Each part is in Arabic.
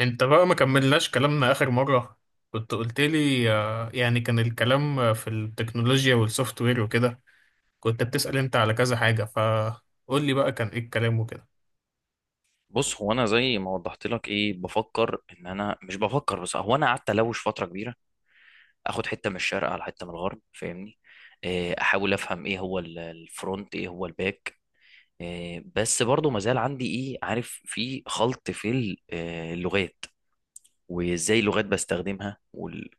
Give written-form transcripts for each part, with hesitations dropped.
انت بقى ما كملناش كلامنا اخر مرة. كنت قلت لي يعني كان الكلام في التكنولوجيا والسوفت وير وكده. كنت بتسأل انت على كذا حاجة، فقول لي بقى كان ايه الكلام وكده. بص، هو انا زي ما وضحت لك ايه بفكر ان انا مش بفكر، بس هو انا قعدت الوش فتره كبيره. اخد حته من الشرق على حته من الغرب، فاهمني؟ إيه، احاول افهم ايه هو الفرونت ايه هو الباك. إيه، بس برضو مازال عندي ايه، عارف، في خلط في اللغات وازاي اللغات بستخدمها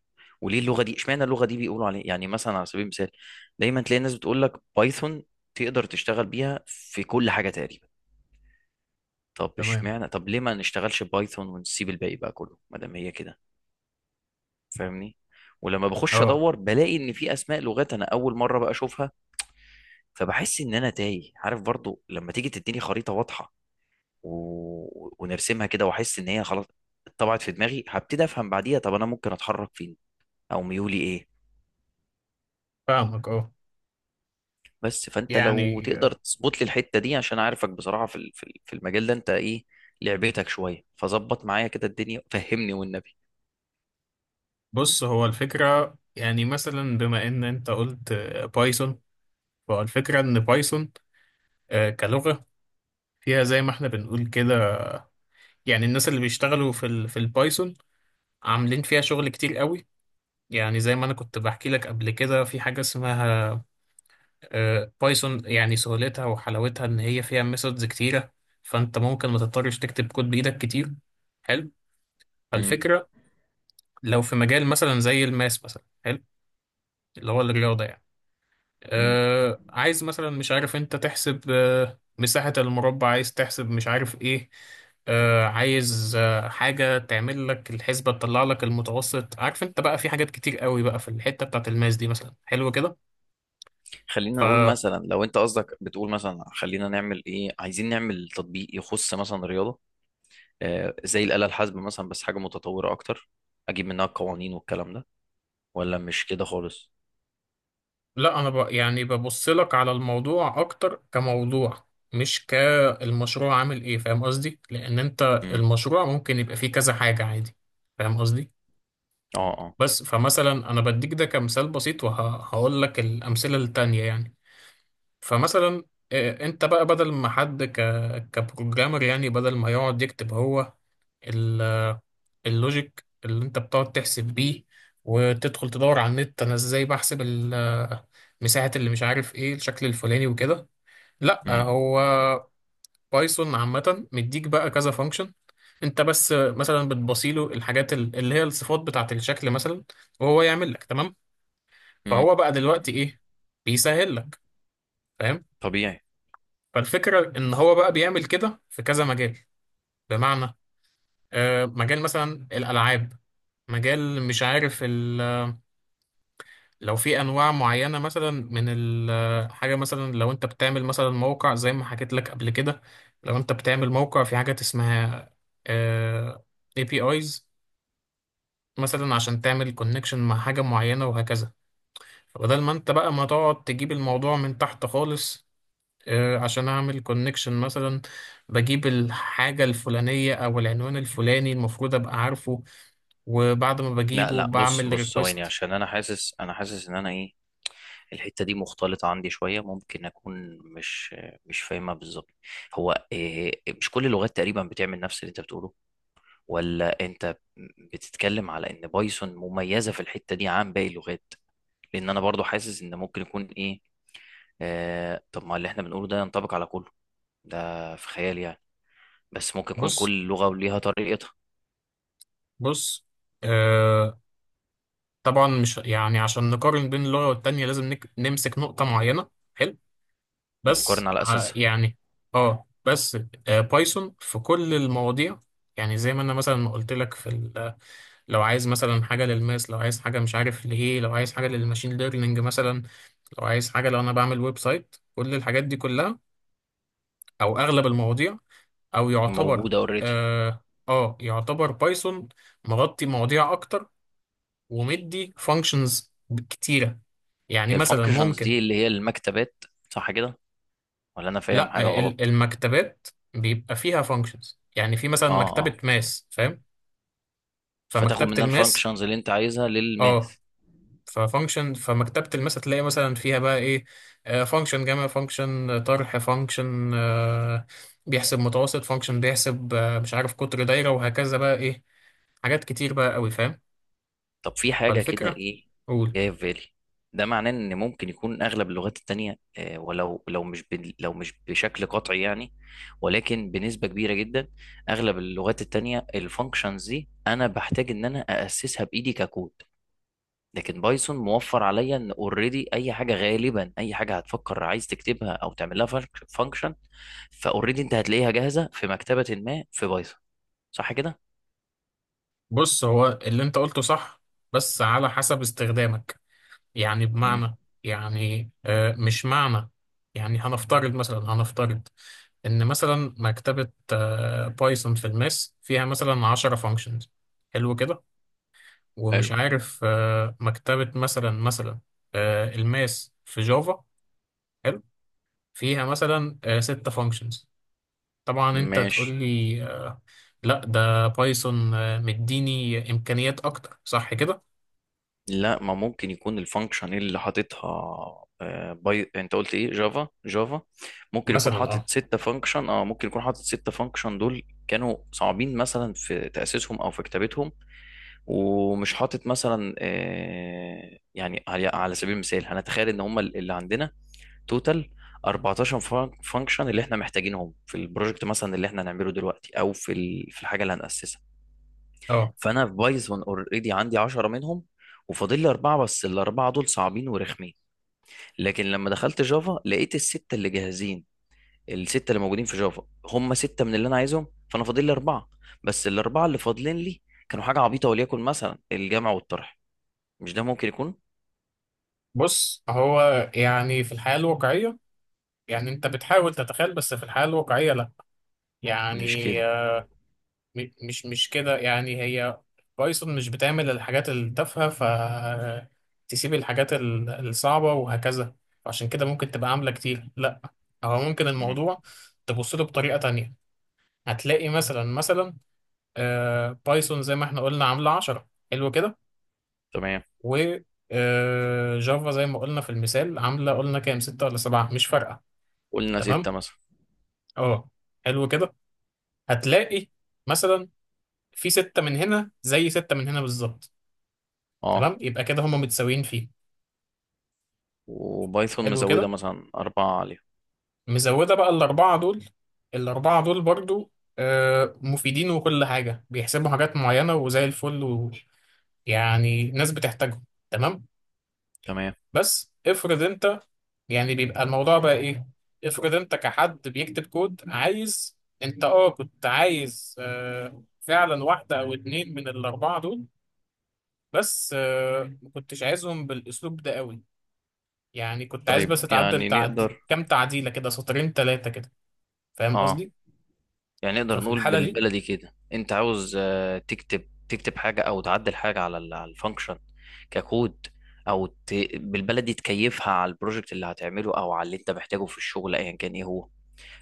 وليه اللغه دي، اشمعنى اللغه دي بيقولوا عليها؟ يعني مثلا، على سبيل المثال دايما تلاقي الناس بتقول لك بايثون تقدر تشتغل بيها في كل حاجه تقريبا. طب تمام. اشمعنى، طب ليه ما نشتغلش بايثون ونسيب الباقي بقى كله ما دام هي كده؟ فاهمني؟ ولما بخش اه، ادور بلاقي ان في اسماء لغات انا اول مره بقى اشوفها. فبحس ان انا تايه، عارف؟ برضو لما تيجي تديني خريطه واضحه و... ونرسمها كده واحس ان هي خلاص اتطبعت في دماغي، هبتدي افهم بعديها طب انا ممكن اتحرك فين، او ميولي ايه. فاهمك. اه، بس فانت لو يعني تقدر آه، تظبط لي الحته دي، عشان عارفك بصراحه في المجال ده انت ايه، لعبتك شويه، فظبط معايا كده الدنيا، فهمني والنبي. بص، هو الفكرة يعني مثلا بما ان انت قلت بايثون. فالفكرة ان بايثون كلغة فيها زي ما احنا بنقول كده. يعني الناس اللي بيشتغلوا في البايثون عاملين فيها شغل كتير قوي. يعني زي ما انا كنت بحكي لك قبل كده في حاجة اسمها بايثون، يعني سهولتها وحلاوتها ان هي فيها ميثودز كتيرة، فانت ممكن ما تضطرش تكتب كود بايدك كتير. حلو. امم. فالفكرة، لو في مجال مثلا زي الماس مثلا، حلو، اللي هو الرياضة يعني. امم. آه عايز مثلا، مش عارف، انت تحسب آه مساحة المربع، عايز تحسب مش عارف ايه. آه عايز آه حاجة تعمل لك الحسبة تطلع لك المتوسط، عارف؟ انت بقى في حاجات كتير قوي بقى في الحتة بتاعت الماس دي، مثلا، حلو كده. خلينا نقول مثلا، لو انت قصدك بتقول مثلا خلينا نعمل ايه، عايزين نعمل تطبيق يخص مثلا رياضة، آه زي الآلة الحاسبة مثلا بس حاجة متطورة اكتر، اجيب منها القوانين والكلام ده؟ ولا مش كده خالص؟ لا، انا يعني ببص لك على الموضوع اكتر كموضوع، مش كالمشروع عامل ايه، فاهم قصدي؟ لان انت امم. المشروع ممكن يبقى فيه كذا حاجة عادي. فاهم قصدي. اه، اه. بس فمثلا انا بديك ده كمثال بسيط وهقول لك الامثلة التانية يعني. فمثلا انت بقى بدل ما كبروجرامر، يعني بدل ما يقعد يكتب هو اللوجيك اللي انت بتقعد تحسب بيه وتدخل تدور على النت انا ازاي بحسب مساحة اللي مش عارف ايه الشكل الفلاني وكده. لا، امم. هو بايثون عامة مديك بقى كذا فانكشن. انت بس مثلا بتبصيله الحاجات اللي هي الصفات بتاعة الشكل مثلا، وهو يعمل لك. تمام. امم. فهو بقى دلوقتي ايه، بيسهل لك. فاهم. طبيعي. فالفكرة ان هو بقى بيعمل كده في كذا مجال. بمعنى مجال مثلا الالعاب، مجال مش عارف. لو في انواع معينه مثلا من الحاجه، مثلا لو انت بتعمل مثلا موقع زي ما حكيت لك قبل كده، لو انت بتعمل موقع في حاجات اسمها آه، APIs مثلا عشان تعمل كونكشن مع حاجه معينه وهكذا. فبدل ما انت بقى ما تقعد تجيب الموضوع من تحت خالص، عشان اعمل كونكشن مثلا، بجيب الحاجه الفلانيه او العنوان الفلاني المفروض ابقى عارفه، وبعد ما لا، بجيبه لا، بص، بعمل بص، ثواني، ريكوست. عشان انا حاسس ان انا ايه، الحتة دي مختلطة عندي شوية، ممكن اكون مش فاهمها بالظبط. هو إيه، مش كل اللغات تقريبا بتعمل نفس اللي انت بتقوله، ولا انت بتتكلم على ان بايثون مميزة في الحتة دي عن باقي اللغات؟ لان انا برضو حاسس ان ممكن يكون ايه، آه طب ما اللي احنا بنقوله ده ينطبق على كله، ده في خيال يعني. بس ممكن يكون بص كل لغة وليها طريقتها، بص، آه، طبعا مش يعني عشان نقارن بين اللغة والتانية لازم نمسك نقطة معينة، حلو. مقارنة على اساسها. يعني اه، بس آه، بايثون في كل المواضيع، يعني زي ما انا مثلا ما قلت لك لو عايز مثلا حاجة للماس، لو عايز حاجة مش عارف ليه، لو عايز حاجة للماشين ليرنينج مثلا، لو عايز حاجة، لو انا بعمل ويب سايت، كل الحاجات دي كلها او اغلب المواضيع، او يعتبر موجودة اوريدي. اه, يعتبر بايثون مغطي مواضيع اكتر ومدي فانكشنز كتيرة. يعني هي مثلا الفانكشنز ممكن، دي اللي هي المكتبات، صح كده؟ ولا انا فاهم حاجة لا، غلط؟ المكتبات بيبقى فيها فانكشنز، يعني في مثلا اه، مكتبة اه. ماس، فاهم. فتاخد فمكتبة منها الماس، الفانكشنز اللي انت عايزها للماث. اه، ففانكشن فمكتبة الماس هتلاقي مثلا فيها بقى ايه، فانكشن جمع، فانكشن طرح، فانكشن بيحسب متوسط، فانكشن بيحسب مش عارف، قطر دايرة، وهكذا بقى ايه، حاجات كتير بقى قوي. فاهم. طب في حاجة كده فالفكرة. ايه قول. جاية في بالي. ده معناه ان ممكن يكون اغلب اللغات التانية، آه، ولو لو مش بن- لو مش بشكل قطعي يعني، ولكن بنسبة كبيرة جدا، اغلب اللغات التانية الفانكشنز دي انا بحتاج ان انا اسسها بايدي ككود. لكن بايثون موفر عليا ان اوريدي اي حاجة، غالبا اي حاجة هتفكر عايز تكتبها او تعمل لها فانكشن فاوريدي انت هتلاقيها جاهزة في مكتبة ما في بايثون، صح كده؟ بص، هو اللي انت قلته صح بس على حسب استخدامك. يعني امم. بمعنى، مش معنى، يعني هنفترض مثلا، هنفترض إن مثلا مكتبة بايثون في الماس فيها مثلا 10 فانكشنز، حلو كده، ومش حلو. عارف مكتبة مثلا، الماس في جافا، حلو، فيها مثلا 6 فانكشنز. طبعا انت تقول ماشي. لي لا ده بايثون مديني امكانيات اكتر، صح كده؟ لا، ما ممكن يكون الفانكشن اللي حاططها آه، باي، انت قلت ايه، جافا. جافا ممكن يكون مثلا حاطط اه. ستة فانكشن، اه ممكن يكون حاطط ستة فانكشن دول كانوا صعبين مثلا في تأسيسهم او في كتابتهم. ومش حاطط مثلا آه، يعني على سبيل المثال هنتخيل ان هم اللي عندنا توتال 14 فانكشن اللي احنا محتاجينهم في البروجكت مثلا، اللي احنا هنعمله دلوقتي او في في الحاجة اللي هنأسسها. اه، فانا في بايثون اوريدي عندي 10 منهم وفاضل لي اربعه، بس الاربعه دول صعبين ورخمين. لكن لما دخلت جافا لقيت السته اللي جاهزين. السته اللي موجودين في جافا هم سته من اللي انا عايزهم، فانا فاضل لي اربعه. بس الاربعه اللي فاضلين لي كانوا حاجه عبيطه، وليكن مثلا الجمع والطرح. مش ده ممكن يكون. بص هو يعني في الحياة الواقعية، يعني انت بتحاول تتخيل، بس في الحياة الواقعية لا. مش يعني كده. مش كده، يعني هي بايثون مش بتعمل الحاجات التافهة فتسيب الحاجات الصعبة وهكذا، عشان كده ممكن تبقى عاملة كتير. لا، هو ممكن مم. الموضوع تبص له بطريقة تانية. هتلاقي مثلا بايثون زي ما احنا قلنا عاملة 10، حلو كده. تمام. و جافا زي ما قلنا في المثال عاملة، قلنا كام، ستة ولا سبعة مش فارقة. قلنا تمام. سته مثلا. اه، حلو كده. هتلاقي مثلا في ستة من هنا زي ستة من هنا بالظبط. اه. تمام، يبقى كده هما متساويين فيه. وبايثون حلو مزوده كده، مثلا اربعه عليهم. مزودة بقى الأربعة دول، الأربعة دول برضو مفيدين وكل حاجة، بيحسبوا حاجات معينة وزي الفل، ويعني ناس بتحتاجهم. تمام. تمام. بس افرض انت، يعني بيبقى الموضوع بقى ايه، افرض انت كحد بيكتب كود عايز. انت اه، كنت عايز فعلا واحدة او اتنين من الأربعة دول، بس ما كنتش عايزهم بالاسلوب ده قوي. يعني كنت عايز طيب بس اتعدل يعني تعدي نقدر. كام تعديله كده، سطرين ثلاثه كده، فاهم اه، قصدي. يعني نقدر ففي نقول الحاله دي بالبلدي كده انت عاوز آه، تكتب حاجه او تعدل حاجه على على الفانكشن ككود، او بالبلدي تكيفها على البروجكت اللي هتعمله او على اللي انت محتاجه في الشغل ايا كان ايه هو.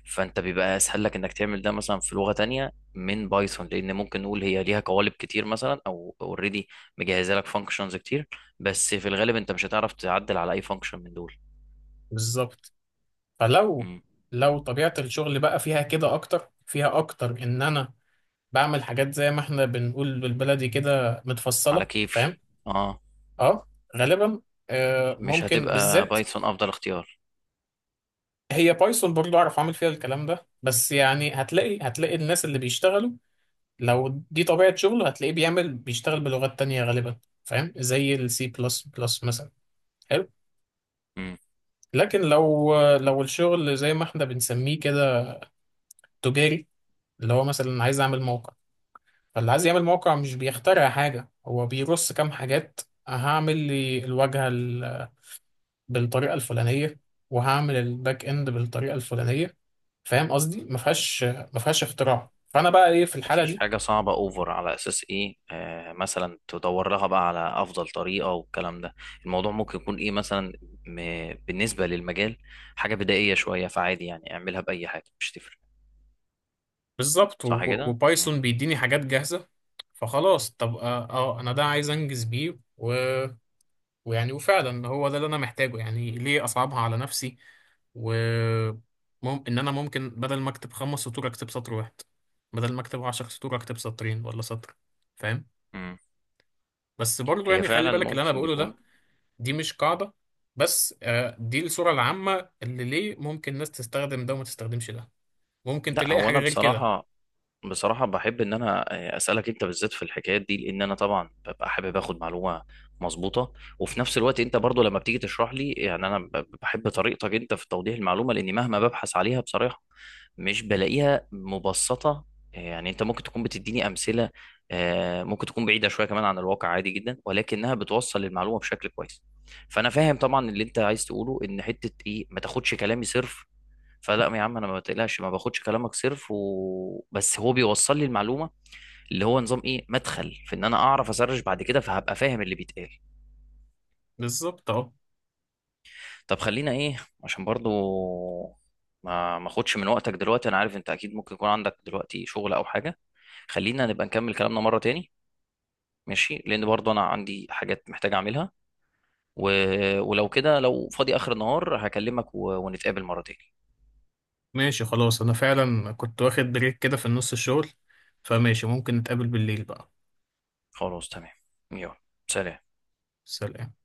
فانت بيبقى اسهل لك انك تعمل ده مثلا في لغه تانية من بايثون، لان ممكن نقول هي ليها قوالب كتير مثلا، او اوريدي مجهزه لك فانكشنز كتير، بس في الغالب انت مش هتعرف تعدل على اي فانكشن من دول. بالظبط. فلو مم. لو طبيعه الشغل بقى فيها كده اكتر، فيها اكتر ان انا بعمل حاجات زي ما احنا بنقول بالبلدي كده على متفصله، فاهم. كيفي. اه. اه، غالبا مش ممكن هتبقى بالذات، بايثون افضل اختيار. هي بايثون برضو اعرف اعمل فيها الكلام ده. بس يعني هتلاقي الناس اللي بيشتغلوا، لو دي طبيعة شغله، هتلاقيه بيعمل بيشتغل بلغات تانية غالبا. فاهم، زي السي بلس بلس مثلا. حلو. لكن لو الشغل زي ما احنا بنسميه كده تجاري، اللي هو مثلا عايز اعمل موقع. فاللي عايز يعمل موقع مش بيخترع حاجة، هو بيرص كام حاجات. هعمل لي الواجهة بالطريقة الفلانية، وهعمل الباك اند بالطريقة الفلانية. فاهم قصدي، ما فيهاش اختراع، فانا بقى ايه في الحالة مفيش دي؟ حاجة صعبة أوفر على أساس إيه آه مثلا تدور لها بقى على أفضل طريقة والكلام ده، الموضوع ممكن يكون إيه مثلا م... بالنسبة للمجال حاجة بدائية شوية فعادي يعني اعملها بأي حاجة، مش تفرق. بالظبط. صح كده؟ وبايثون مم. بيديني حاجات جاهزة. فخلاص، طب اه، انا ده عايز انجز بيه، و... ويعني وفعلا هو ده اللي انا محتاجه، يعني ليه اصعبها على نفسي؟ و ان انا ممكن بدل ما اكتب خمس سطور اكتب سطر واحد، بدل ما اكتب عشر سطور اكتب سطرين ولا سطر. فاهم. مم. بس برضو هي يعني خلي فعلا بالك، اللي انا ممكن بقوله ده يكون. دي مش قاعدة، بس دي الصورة العامة اللي ليه ممكن ناس تستخدم ده وما تستخدمش ده، ممكن لا، تلاقي هو حاجة أنا غير كده. بصراحة، بصراحة بحب إن أنا آه، أسألك أنت بالذات في الحكايات دي، لأن أنا طبعا ببقى حابب آخد معلومة مظبوطة. وفي نفس الوقت أنت برضو لما بتيجي تشرح لي، يعني أنا بحب طريقتك أنت في توضيح المعلومة، لأني مهما ببحث عليها بصراحة مش بلاقيها مبسطة. يعني انت ممكن تكون بتديني امثلة آه، ممكن تكون بعيدة شوية كمان عن الواقع عادي جدا، ولكنها بتوصل المعلومة بشكل كويس. فانا فاهم طبعا اللي انت عايز تقوله ان حتة ايه، ما تاخدش كلامي صرف. فلا يا عم انا ما بتقلقش، ما باخدش كلامك صرف، بس هو بيوصل لي المعلومة، اللي هو نظام ايه مدخل في ان انا اعرف اسرش بعد كده فهبقى فاهم اللي بيتقال. بالظبط اه. طب خلينا ايه، عشان برضو ما اخدش من وقتك دلوقتي، انا عارف انت اكيد ممكن يكون عندك دلوقتي شغل او حاجه، خلينا نبقى نكمل كلامنا مره تاني. ماشي لان برضو انا عندي حاجات محتاج اعملها، و... ولو كده لو فاضي اخر النهار هكلمك ونتقابل مره تاني. ماشي، خلاص، انا فعلا كنت واخد بريك كده في النص الشغل، فماشي ممكن نتقابل بالليل بقى. خلاص تمام. يلا. سلام. سلام.